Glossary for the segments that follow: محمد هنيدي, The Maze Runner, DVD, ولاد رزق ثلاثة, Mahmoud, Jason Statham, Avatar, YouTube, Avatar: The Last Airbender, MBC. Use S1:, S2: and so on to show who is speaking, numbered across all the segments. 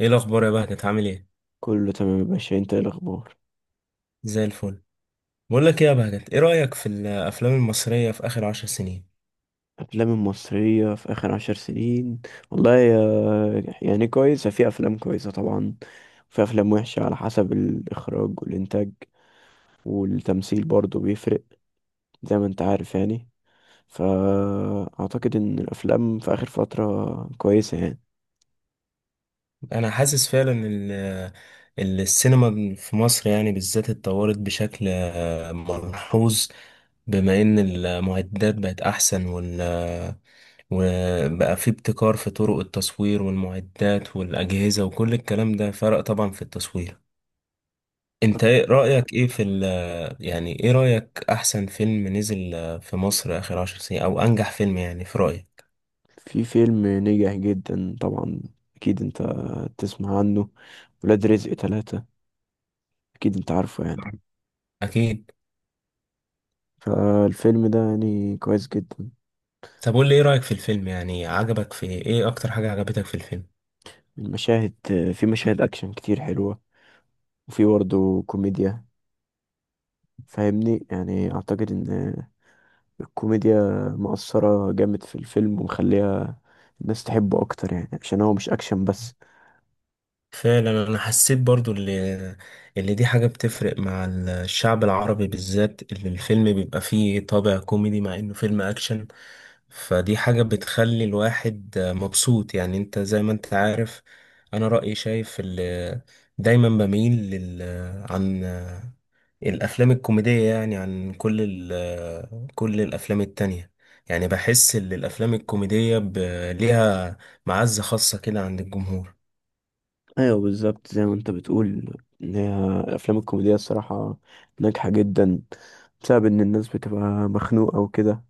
S1: ايه الاخبار يا بهجت، عامل ايه؟
S2: كله تمام يا باشا، انت ايه الاخبار؟
S1: زي الفل. بقول لك ايه يا بهجت، ايه رايك في الافلام المصريه في اخر 10 سنين؟
S2: افلام المصريه في اخر 10 سنين، والله يعني كويسه، في افلام كويسه طبعا، وفي افلام وحشه على حسب الاخراج والانتاج، والتمثيل برضو بيفرق، زي ما انت عارف يعني. فاعتقد ان الافلام في اخر فتره كويسه يعني.
S1: انا حاسس فعلا ان السينما في مصر يعني بالذات اتطورت بشكل ملحوظ. بما ان المعدات بقت احسن وبقى في ابتكار في طرق التصوير والمعدات والاجهزه، وكل الكلام ده فرق طبعا في التصوير. انت ايه رأيك ايه في ال يعني ايه رأيك، احسن فيلم نزل في مصر اخر 10 سنين، او انجح فيلم يعني في رأيك؟
S2: في فيلم نجح جدا طبعا، اكيد انت تسمع عنه، ولاد رزق ثلاثة، اكيد انت عارفه يعني.
S1: اكيد.
S2: فالفيلم ده يعني كويس جدا.
S1: طب قول لي ايه رأيك في الفيلم، يعني عجبك في ايه، اكتر حاجة عجبتك في الفيلم؟
S2: المشاهد في مشاهد أكشن كتير حلوة، وفي برضه كوميديا، فاهمني؟ يعني أعتقد إن الكوميديا مؤثرة جامد في الفيلم، ومخليها الناس تحبه أكتر، يعني عشان هو مش أكشن بس.
S1: فعلا، انا حسيت برضو اللي دي حاجة بتفرق مع الشعب العربي بالذات، اللي الفيلم بيبقى فيه طابع كوميدي مع انه فيلم اكشن. فدي حاجة بتخلي الواحد مبسوط، يعني انت زي ما انت عارف. انا رأيي شايف اللي دايما بميل عن الافلام الكوميدية، يعني عن كل الافلام التانية. يعني بحس ان الافلام الكوميدية ليها معزة خاصة كده عند الجمهور.
S2: أيوه، بالظبط زي ما أنت بتقول، إن هي الأفلام الكوميدية الصراحة ناجحة جدا، بسبب إن الناس بتبقى مخنوقة وكده،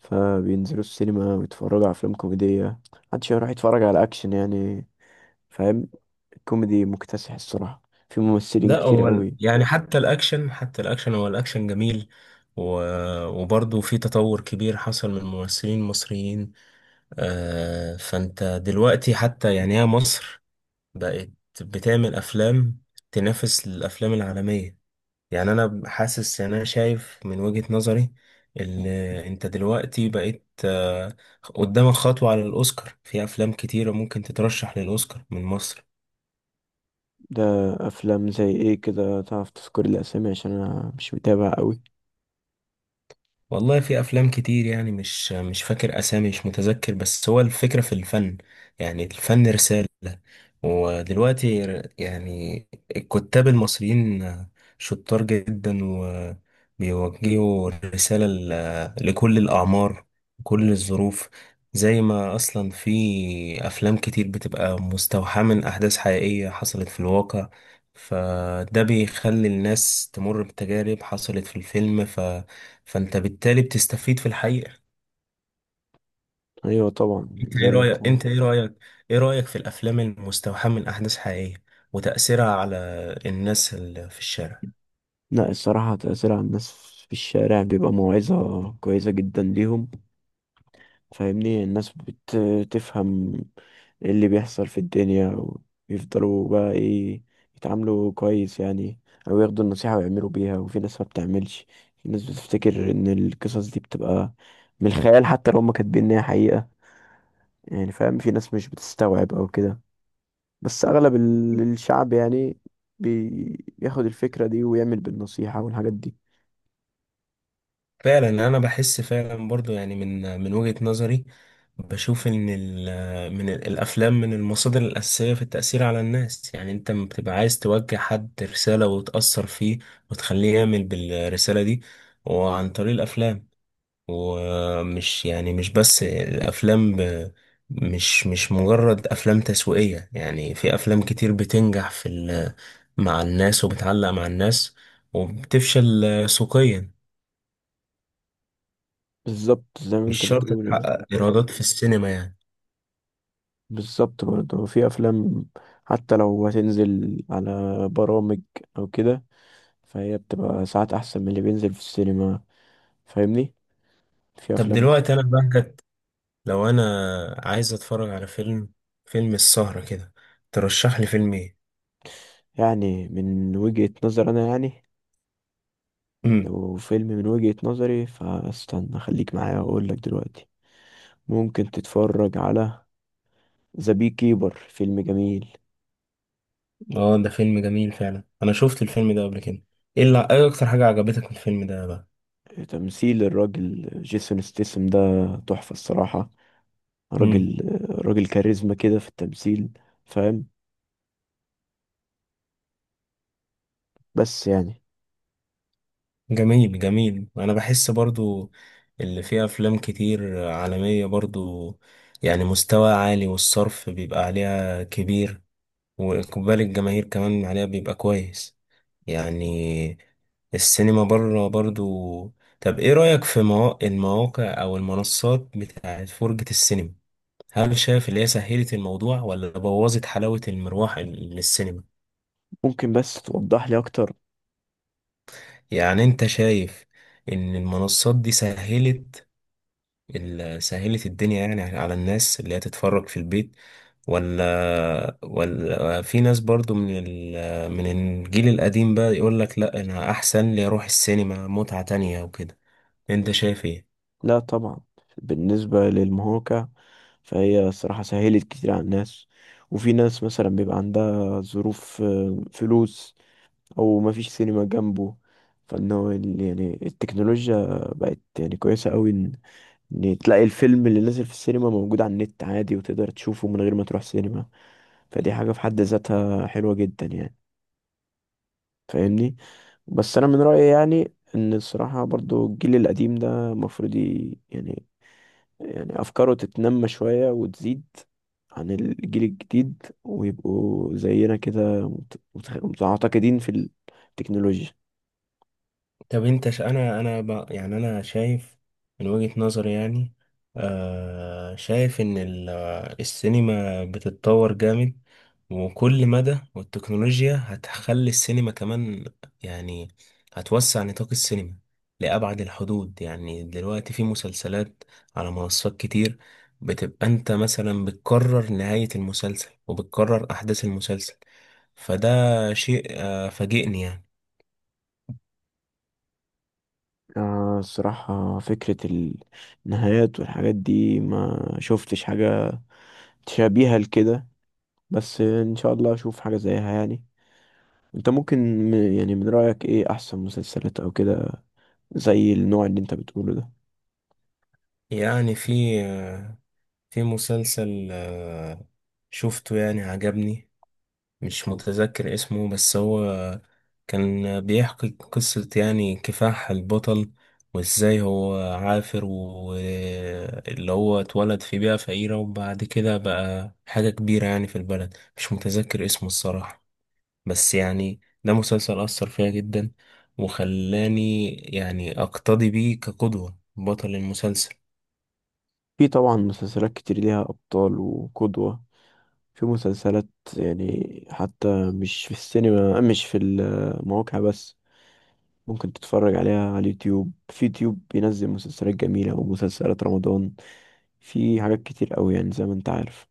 S2: فبينزلوا السينما ويتفرجوا على أفلام كوميدية. محدش يروح يتفرج على أكشن يعني، فاهم؟ كوميدي مكتسح الصراحة، في ممثلين
S1: لا،
S2: كتير
S1: هو
S2: قوي.
S1: يعني حتى الاكشن هو الاكشن جميل. و... وبرضه في تطور كبير حصل من ممثلين مصريين. فانت دلوقتي حتى، يعني هي مصر بقت بتعمل افلام تنافس الافلام العالمية. يعني انا حاسس، يعني انا شايف من وجهة نظري ان انت دلوقتي بقيت، قدامك خطوة على الاوسكار، في افلام كتيرة ممكن تترشح للاوسكار من مصر.
S2: ده أفلام زي إيه كده؟ تعرف تذكر الأسامي؟ عشان أنا مش متابع قوي.
S1: والله في افلام كتير، يعني مش فاكر اسامي، مش متذكر، بس هو الفكره في الفن. يعني الفن رساله، ودلوقتي يعني الكتاب المصريين شطار جدا، وبيوجهوا رساله لكل الاعمار، كل الظروف. زي ما اصلا في افلام كتير بتبقى مستوحاه من احداث حقيقيه حصلت في الواقع، فده بيخلي الناس تمر بتجارب حصلت في الفيلم، فانت بالتالي بتستفيد في الحقيقة.
S2: أيوة طبعا،
S1: انت
S2: زي
S1: ايه
S2: ما أنت
S1: رأيك انت ايه رأيك ايه رأيك في الافلام المستوحاة من احداث حقيقية، وتأثيرها على الناس اللي في الشارع؟
S2: لا، الصراحة تأثير على الناس في الشارع بيبقى موعظة كويسة جدا ليهم، فاهمني؟ الناس بتفهم ايه اللي بيحصل في الدنيا، ويفضلوا بقى ايه، يتعاملوا كويس يعني، او ياخدوا النصيحة ويعملوا بيها. وفي ناس ما بتعملش، في ناس بتفتكر ان القصص دي بتبقى من الخيال، حتى لو هم كاتبين ان هي حقيقة، يعني فاهم؟ في ناس مش بتستوعب او كده. بس اغلب الشعب يعني بياخد الفكرة دي ويعمل بالنصيحة والحاجات دي.
S1: فعلا يعني انا بحس فعلا برضو، يعني من وجهة نظري. بشوف ان الافلام من المصادر الاساسية في التأثير على الناس، يعني انت لما بتبقى عايز توجه حد رسالة وتأثر فيه، وتخليه يعمل بالرسالة دي، وعن طريق الافلام. ومش يعني مش بس الافلام، مش مجرد افلام تسويقية، يعني في افلام كتير بتنجح مع الناس وبتعلق مع الناس، وبتفشل سوقيا.
S2: بالظبط زي ما
S1: مش
S2: انت
S1: شرط
S2: بتقول يعني.
S1: تحقق ايرادات في السينما يعني.
S2: بالظبط برضه، في افلام حتى لو هتنزل على برامج او كده، فهي بتبقى ساعات احسن من اللي بينزل في السينما، فاهمني؟ في
S1: طب
S2: افلام
S1: دلوقتي انا بهجت، لو انا عايز اتفرج على فيلم، فيلم السهرة كده، ترشح لي فيلم ايه؟
S2: يعني من وجهة نظر انا يعني،
S1: امم
S2: لو فيلم من وجهة نظري فاستنى خليك معايا واقول لك دلوقتي. ممكن تتفرج على ذا بي كيبر، فيلم جميل.
S1: اه، ده فيلم جميل فعلا، انا شفت الفيلم ده قبل كده. ايه اكتر حاجة عجبتك في الفيلم ده بقى؟
S2: تمثيل الراجل جيسون ستيسم ده تحفة الصراحة.
S1: مم.
S2: راجل راجل كاريزما كده في التمثيل، فاهم؟ بس يعني.
S1: جميل جميل، انا بحس برضو اللي فيه افلام كتير عالمية برضو، يعني مستوى عالي، والصرف بيبقى عليها كبير، واقبال الجماهير كمان عليها بيبقى كويس، يعني السينما بره برضو. طب ايه رأيك في المواقع او المنصات بتاعت فرجة السينما، هل شايف اللي هي سهلت الموضوع، ولا بوظت حلاوة المروح للسينما؟
S2: ممكن بس توضح لي اكتر؟
S1: يعني انت شايف ان المنصات دي سهلت الدنيا، يعني على الناس اللي هي تتفرج في البيت، ولا في ناس برضو من الجيل القديم بقى يقول لك لا انا احسن لي اروح السينما، متعة تانية وكده. انت شايف ايه؟
S2: لا طبعا. بالنسبة للمهوكة، فهي صراحة سهلت كتير على الناس، وفي ناس مثلا بيبقى عندها ظروف، فلوس، او مفيش سينما جنبه. فانه يعني التكنولوجيا بقت يعني كويسة قوي، إن تلاقي الفيلم اللي نازل في السينما موجود على النت عادي، وتقدر تشوفه من غير ما تروح سينما. فدي حاجة في حد ذاتها حلوة جدا يعني، فاهمني؟ بس انا من رايي يعني، ان الصراحه برضو الجيل القديم ده المفروض يعني افكاره تتنمى شويه وتزيد عن الجيل الجديد، ويبقوا زينا كده متعتقدين في التكنولوجيا.
S1: طب انت ش... انا انا ب... يعني انا شايف من وجهة نظري، يعني شايف ان ال... آه، السينما بتتطور جامد، وكل مدى والتكنولوجيا هتخلي السينما كمان، يعني هتوسع نطاق السينما لأبعد الحدود. يعني دلوقتي في مسلسلات على منصات كتير، بتبقى انت مثلا بتكرر نهاية المسلسل وبتكرر أحداث المسلسل، فده شيء فاجئني يعني.
S2: آه، الصراحة فكرة النهايات والحاجات دي ما شفتش حاجة تشابيها لكده، بس إن شاء الله أشوف حاجة زيها يعني. أنت ممكن، يعني من رأيك إيه أحسن مسلسلات أو كده؟ زي النوع اللي انت بتقوله ده.
S1: يعني في مسلسل شفته يعني عجبني، مش متذكر اسمه، بس هو كان بيحكي قصة يعني كفاح البطل، وازاي هو عافر، واللي هو اتولد في بيئة فقيرة، وبعد كده بقى حاجة كبيرة يعني في البلد، مش متذكر اسمه الصراحة. بس يعني ده مسلسل أثر فيا جدا، وخلاني يعني أقتدي بيه كقدوة بطل المسلسل.
S2: في طبعا مسلسلات كتير ليها ابطال وقدوة. في مسلسلات، يعني حتى مش في السينما، مش في المواقع بس، ممكن تتفرج عليها على اليوتيوب. في يوتيوب بينزل مسلسلات جميلة ومسلسلات رمضان، في حاجات كتير قوي يعني، زي ما انت عارف.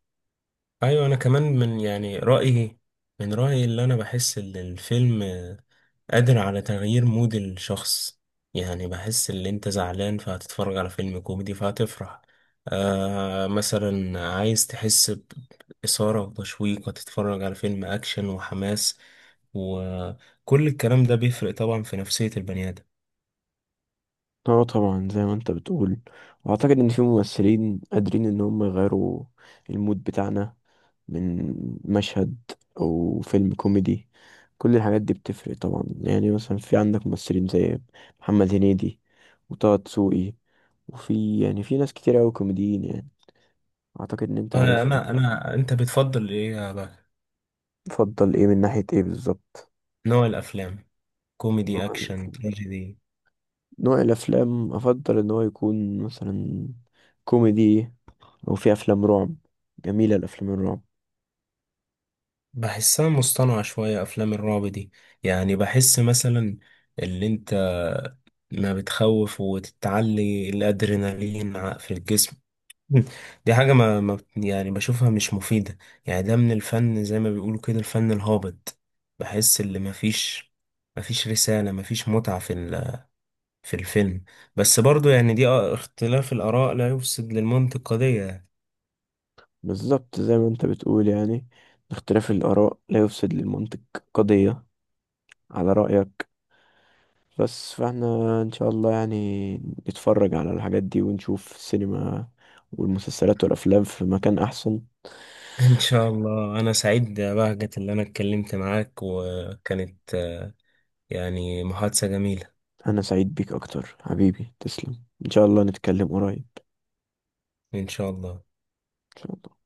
S1: ايوه، انا كمان من رايي اللي انا بحس ان الفيلم قادر على تغيير مود الشخص، يعني بحس ان انت زعلان فهتتفرج على فيلم كوميدي فهتفرح. مثلا عايز تحس باثاره وتشويق، هتتفرج على فيلم اكشن وحماس، وكل الكلام ده بيفرق طبعا في نفسيه البني ادم.
S2: اه طبعا زي ما انت بتقول، واعتقد ان في ممثلين قادرين ان هم يغيروا المود بتاعنا، من مشهد او فيلم كوميدي. كل الحاجات دي بتفرق طبعا، يعني مثلا في عندك ممثلين زي محمد هنيدي وطه دسوقي، وفي يعني في ناس كتير اوي كوميديين يعني، اعتقد ان انت
S1: انا
S2: عارفهم.
S1: انا انا انت بتفضل ايه يا بقى؟
S2: تفضل ايه من ناحية ايه بالظبط؟
S1: نوع الافلام؟ كوميدي،
S2: نوع
S1: اكشن،
S2: الافلام.
S1: تراجيدي؟
S2: نوع الافلام افضل ان هو يكون مثلا كوميدي، او في افلام رعب، جميلة الافلام الرعب.
S1: بحسها مصطنعة شوية، أفلام الرعب دي، يعني بحس مثلا اللي أنت ما بتخوف وتتعلي الأدرينالين في الجسم. دي حاجة ما, ما بت- يعني بشوفها مش مفيدة، يعني ده من الفن زي ما بيقولوا كده، الفن الهابط. بحس اللي مفيش رسالة، مفيش متعة في الفيلم، بس برضو يعني دي اختلاف الآراء لا يفسد للمنطق قضية.
S2: بالظبط زي ما انت بتقول يعني، اختلاف الآراء لا يفسد للمنطق قضية، على رأيك. بس فاحنا ان شاء الله يعني نتفرج على الحاجات دي ونشوف السينما والمسلسلات والأفلام في مكان أحسن.
S1: إن شاء الله، أنا سعيد بهجت اللي أنا اتكلمت معاك، وكانت يعني محادثة جميلة.
S2: أنا سعيد بيك أكتر حبيبي، تسلم، ان شاء الله نتكلم قريب.
S1: إن شاء الله.
S2: ان شاء الله.